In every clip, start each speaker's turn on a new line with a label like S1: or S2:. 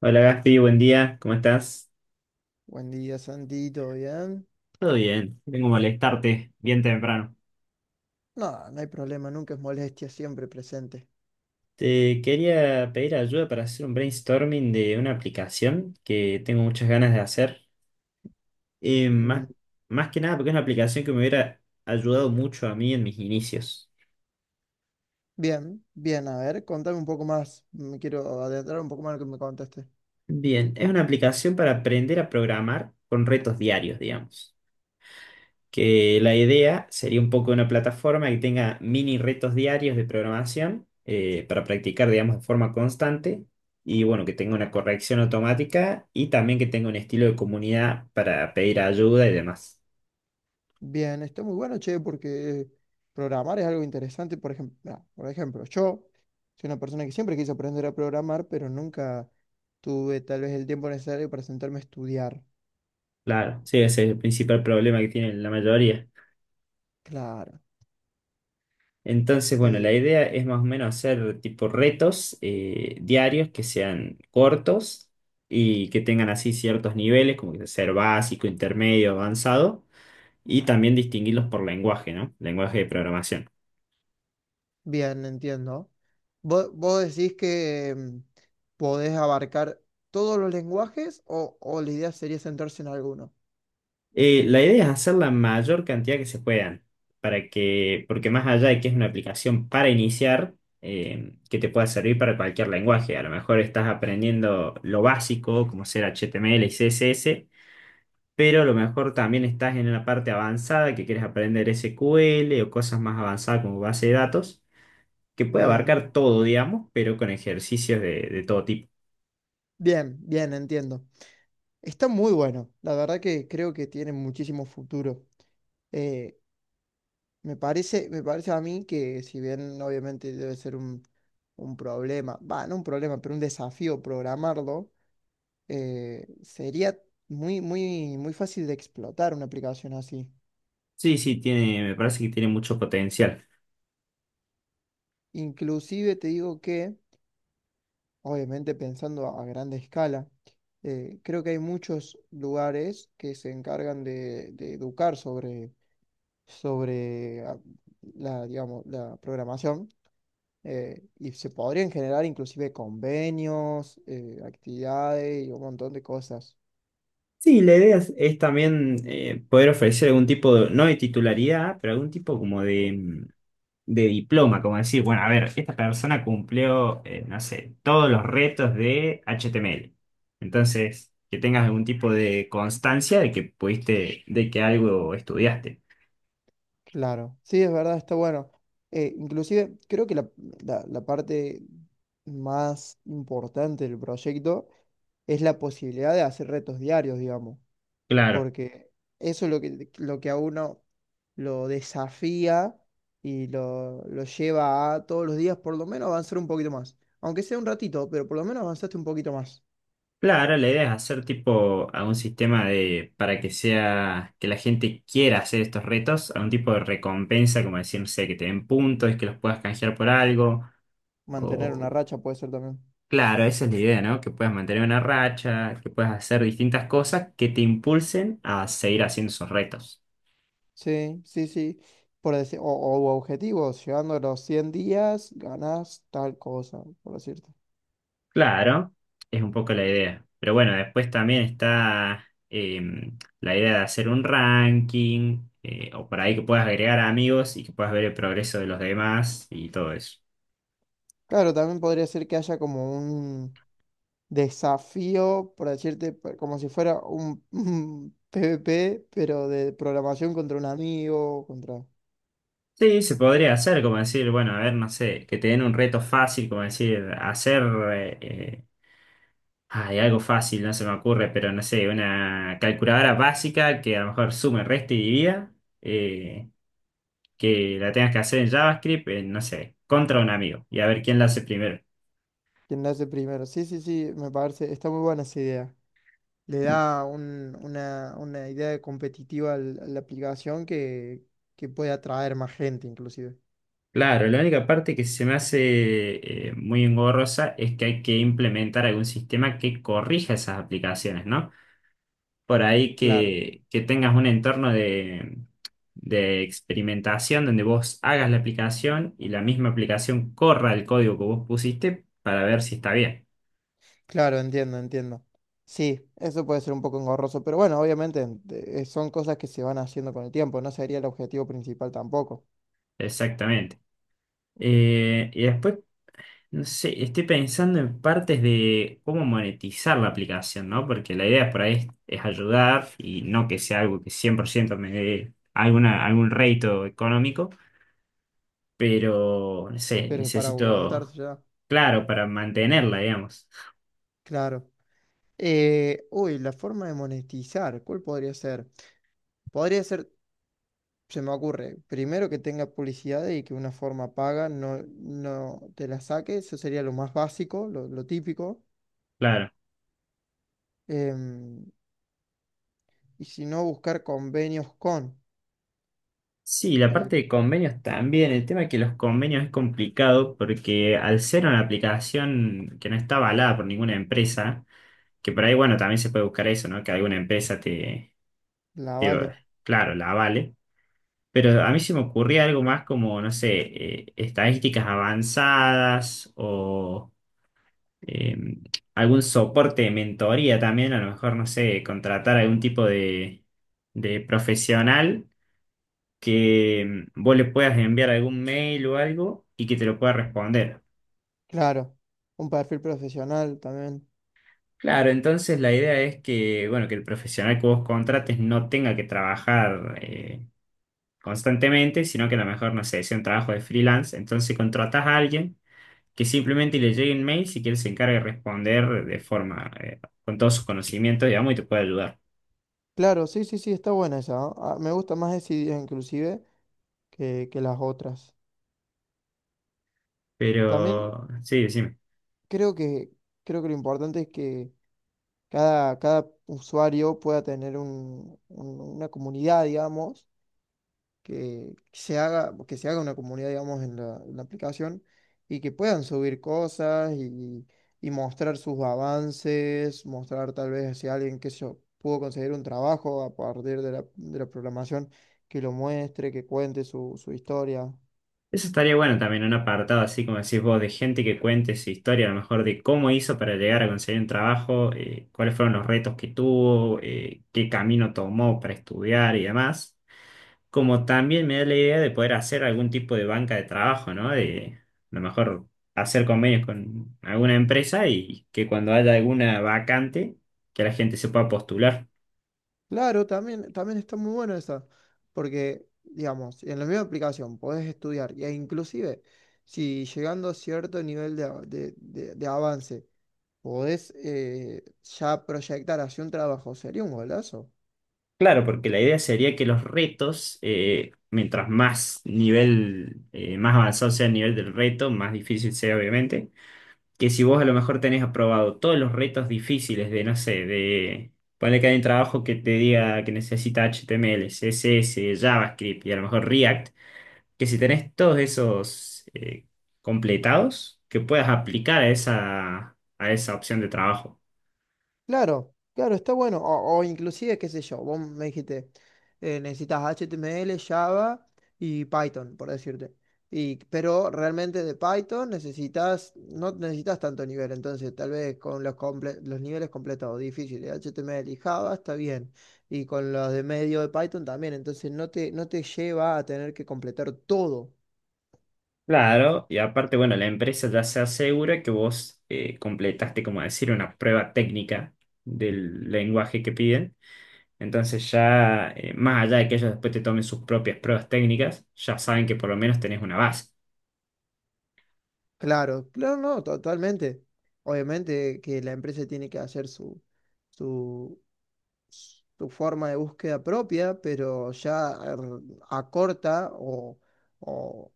S1: Hola Gaspi, buen día, ¿cómo estás?
S2: Buen día, Santi, ¿todo bien?
S1: Todo bien, vengo a molestarte bien temprano.
S2: No, no hay problema, nunca es molestia, siempre presente.
S1: Te quería pedir ayuda para hacer un brainstorming de una aplicación que tengo muchas ganas de hacer. Eh,
S2: Mm,
S1: más, Más que nada porque es una aplicación que me hubiera ayudado mucho a mí en mis inicios.
S2: bien, bien, a ver, contame un poco más, me quiero adentrar un poco más en lo que me contaste.
S1: Bien, es una aplicación para aprender a programar con retos diarios, digamos. Que la idea sería un poco una plataforma que tenga mini retos diarios de programación para practicar, digamos, de forma constante, y bueno, que tenga una corrección automática y también que tenga un estilo de comunidad para pedir ayuda y demás.
S2: Bien, está muy bueno, che, porque programar es algo interesante, por ejemplo, yo soy una persona que siempre quise aprender a programar, pero nunca tuve tal vez el tiempo necesario para sentarme a estudiar.
S1: Claro, sí, ese es el principal problema que tienen la mayoría.
S2: Claro.
S1: Entonces, bueno, la
S2: eh,
S1: idea es más o menos hacer tipo retos diarios que sean cortos y que tengan así ciertos niveles, como que ser básico, intermedio, avanzado, y también distinguirlos por lenguaje, ¿no? Lenguaje de programación.
S2: Bien, entiendo. ¿Vos decís que podés abarcar todos los lenguajes o la idea sería centrarse en alguno?
S1: La idea es hacer la mayor cantidad que se puedan, para que, porque más allá de que es una aplicación para iniciar, que te pueda servir para cualquier lenguaje. A lo mejor estás aprendiendo lo básico, como ser HTML y CSS, pero a lo mejor también estás en una parte avanzada que quieres aprender SQL o cosas más avanzadas como base de datos, que puede
S2: Bien,
S1: abarcar todo, digamos, pero con ejercicios de todo tipo.
S2: bien, entiendo. Está muy bueno. La verdad que creo que tiene muchísimo futuro. Eh, me parece a mí que si bien obviamente debe ser un problema, va, no un problema, pero un desafío programarlo, sería muy fácil de explotar una aplicación así.
S1: Sí, sí, tiene, me parece que tiene mucho potencial.
S2: Inclusive te digo que, obviamente pensando a grande escala, creo que hay muchos lugares que se encargan de educar sobre la, digamos, la programación y se podrían generar inclusive convenios, actividades y un montón de cosas.
S1: Sí, la idea es también poder ofrecer algún tipo de, no de titularidad, pero algún tipo como de, de diploma, como decir, bueno, a ver, esta persona cumplió, no sé, todos los retos de HTML. Entonces, que tengas algún tipo de constancia de que pudiste, de que algo estudiaste.
S2: Claro, sí, es verdad, está bueno. Inclusive creo que la parte más importante del proyecto es la posibilidad de hacer retos diarios, digamos,
S1: Claro,
S2: porque eso es lo que a uno lo desafía y lo lleva a todos los días por lo menos avanzar un poquito más, aunque sea un ratito, pero por lo menos avanzaste un poquito más.
S1: claro, la idea es hacer tipo a un sistema de, para que sea, que la gente quiera hacer estos retos, a un tipo de recompensa, como decir, no sé, que te den puntos, que los puedas canjear por algo.
S2: Mantener una
S1: O,
S2: racha puede ser también.
S1: claro, esa es la idea, ¿no? Que puedas mantener una racha, que puedas hacer distintas cosas que te impulsen a seguir haciendo esos retos.
S2: Sí, sí, sí. Por decir, o objetivos, llegando a los 100 días, ganas tal cosa, por decirte.
S1: Claro, es un poco la idea. Pero bueno, después también está la idea de hacer un ranking, o por ahí que puedas agregar amigos y que puedas ver el progreso de los demás y todo eso.
S2: Claro, también podría ser que haya como un desafío, por decirte, como si fuera un, un PvP, pero de programación contra un amigo, contra
S1: Sí, se podría hacer, como decir, bueno, a ver, no sé, que te den un reto fácil, como decir, hacer eh, eh, hay algo fácil, no se me ocurre, pero no sé, una calculadora básica que a lo mejor sume, resta y divida, eh, que la tengas que hacer en JavaScript, en, no sé, contra un amigo, y a ver quién la hace primero.
S2: quien lo hace primero. Sí, sí, sí, me parece, está muy buena esa idea. Le da una idea competitiva a la aplicación que puede atraer más gente, inclusive.
S1: Claro, la única parte que se me hace muy engorrosa es que hay que implementar algún sistema que corrija esas aplicaciones, ¿no? Por ahí
S2: Claro.
S1: que tengas un entorno de experimentación donde vos hagas la aplicación y la misma aplicación corra el código que vos pusiste para ver si está bien.
S2: Claro, entiendo, entiendo. Sí, eso puede ser un poco engorroso, pero bueno, obviamente son cosas que se van haciendo con el tiempo, no sería el objetivo principal tampoco,
S1: Exactamente. Y después, no sé, estoy pensando en partes de cómo monetizar la aplicación, ¿no? Porque la idea por ahí es ayudar y no que sea algo que 100% me dé alguna, algún rédito económico, pero, no sé,
S2: pero para
S1: necesito,
S2: aguantarse ya.
S1: claro, para mantenerla, digamos.
S2: Claro. Uy, la forma de monetizar, ¿cuál podría ser? Podría ser, se me ocurre, primero que tenga publicidad y que una forma paga no, no te la saque, eso sería lo más básico, lo típico.
S1: Claro.
S2: Em, y si no, buscar convenios con
S1: Sí, la
S2: eh,
S1: parte de convenios también. El tema es que los convenios es complicado porque al ser una aplicación que no está avalada por ninguna empresa, que por ahí, bueno, también se puede buscar eso, ¿no? Que alguna empresa te,
S2: la
S1: te-
S2: Vale.
S1: claro, la avale. Pero a mí se me ocurría algo más como, no sé, estadísticas avanzadas o eh, algún soporte de mentoría también. A lo mejor, no sé, contratar algún tipo de profesional que vos le puedas enviar algún mail o algo y que te lo pueda responder.
S2: Claro, un perfil profesional también.
S1: Claro, entonces la idea es que, bueno, que el profesional que vos contrates no tenga que trabajar constantemente, sino que a lo mejor, no sé, sea un trabajo de freelance. Entonces contratás a alguien que simplemente le llegue un mail si él se encarga de responder de forma, con todos sus conocimientos, digamos, y te puede ayudar.
S2: Claro, sí, sí, sí, está buena esa. ¿No? Ah, me gusta más esa idea inclusive que las otras. También
S1: Pero, sí, decime.
S2: creo que, creo que lo importante es que cada usuario pueda tener una comunidad, digamos, que se haga una comunidad, digamos, en la aplicación y que puedan subir cosas y mostrar sus avances, mostrar tal vez si alguien que se pudo conseguir un trabajo a partir de la programación, que lo muestre, que cuente su, su historia.
S1: Eso estaría bueno también, un apartado así como decís vos, de gente que cuente su historia, a lo mejor de cómo hizo para llegar a conseguir un trabajo, cuáles fueron los retos que tuvo, qué camino tomó para estudiar y demás. Como también me da la idea de poder hacer algún tipo de banca de trabajo, ¿no? De a lo mejor hacer convenios con alguna empresa y que cuando haya alguna vacante, que la gente se pueda postular.
S2: Claro, también, también está muy bueno esa, porque, digamos, en la misma aplicación podés estudiar e inclusive si llegando a cierto nivel de, de avance, podés ya proyectar hacia un trabajo, sería un golazo.
S1: Claro, porque la idea sería que los retos, mientras más nivel, más avanzado sea el nivel del reto, más difícil sea obviamente, que si vos a lo mejor tenés aprobado todos los retos difíciles de, no sé, de poner que hay un trabajo que te diga que necesita HTML, CSS, JavaScript y a lo mejor React, que si tenés todos esos completados, que puedas aplicar a esa opción de trabajo.
S2: Claro, claro, está bueno. O inclusive, qué sé yo, vos me dijiste, necesitas HTML, Java y Python, por decirte. Y, pero realmente de Python necesitas, no necesitas tanto nivel, entonces tal vez con los, los niveles completados difíciles, HTML y Java está bien. Y con los de medio de Python también, entonces no te, no te lleva a tener que completar todo.
S1: Claro, y aparte, bueno, la empresa ya se asegura que vos completaste, como decir, una prueba técnica del lenguaje que piden. Entonces ya, más allá de que ellos después te tomen sus propias pruebas técnicas, ya saben que por lo menos tenés una base.
S2: Claro, claro, no, totalmente. Obviamente que la empresa tiene que hacer su, su, su forma de búsqueda propia, pero ya acorta o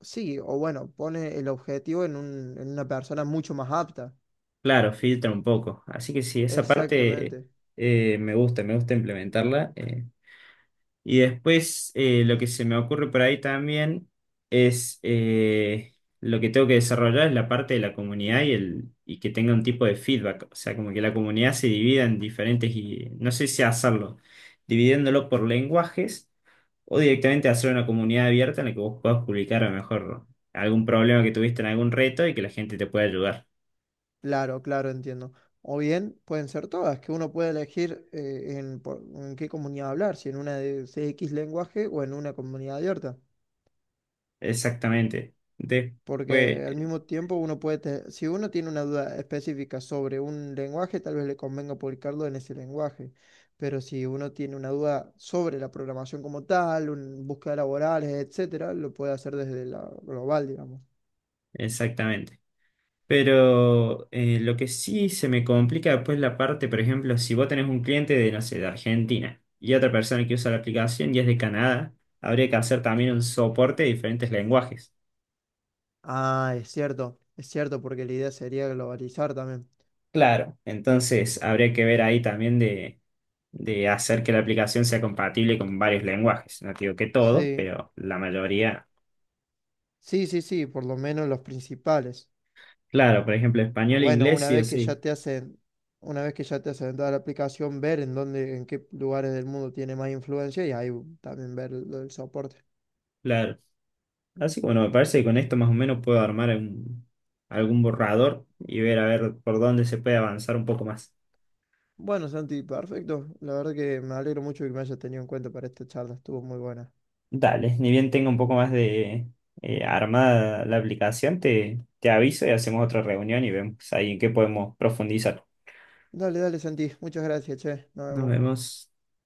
S2: sí, o bueno, pone el objetivo en en una persona mucho más apta.
S1: Claro, filtra un poco. Así que sí, esa parte
S2: Exactamente.
S1: me gusta implementarla. Y después lo que se me ocurre por ahí también es lo que tengo que desarrollar es la parte de la comunidad y, el, y que tenga un tipo de feedback. O sea, como que la comunidad se divida en diferentes, y no sé si hacerlo, dividiéndolo por lenguajes o directamente hacer una comunidad abierta en la que vos puedas publicar a lo mejor algún problema que tuviste en algún reto y que la gente te pueda ayudar.
S2: Claro, claro, entiendo. O bien pueden ser todas, que uno puede elegir en, en qué comunidad hablar, si en una de CX lenguaje o en una comunidad abierta.
S1: Exactamente. Después,
S2: Porque al mismo tiempo uno puede, si uno tiene una duda específica sobre un lenguaje, tal vez le convenga publicarlo en ese lenguaje, pero si uno tiene una duda sobre la programación como tal, un, búsqueda laborales, etcétera, lo puede hacer desde la global, digamos.
S1: exactamente. Pero lo que sí se me complica después la parte, por ejemplo, si vos tenés un cliente de, no sé, de Argentina y otra persona que usa la aplicación y es de Canadá, habría que hacer también un soporte de diferentes lenguajes.
S2: Ah, es cierto, porque la idea sería globalizar también.
S1: Claro. Entonces, habría que ver ahí también de hacer que la aplicación sea compatible con varios lenguajes. No te digo que todos,
S2: Sí,
S1: pero la mayoría.
S2: sí, sí, sí, por lo menos los principales.
S1: Claro, por ejemplo, español e
S2: Bueno,
S1: inglés,
S2: una
S1: sí o
S2: vez que ya
S1: sí.
S2: te hacen, una vez que ya te hacen toda la aplicación, ver en dónde, en qué lugares del mundo tiene más influencia y ahí también ver el soporte.
S1: Claro. Así que bueno, me parece que con esto más o menos puedo armar un- algún borrador y ver a ver por dónde se puede avanzar un poco más.
S2: Bueno, Santi, perfecto. La verdad que me alegro mucho que me hayas tenido en cuenta para esta charla. Estuvo muy buena.
S1: Dale, ni bien tenga un poco más de armada la aplicación, te aviso y hacemos otra reunión y vemos ahí en qué podemos profundizar.
S2: Dale, dale, Santi. Muchas gracias, che. Nos
S1: Nos
S2: vemos.
S1: vemos.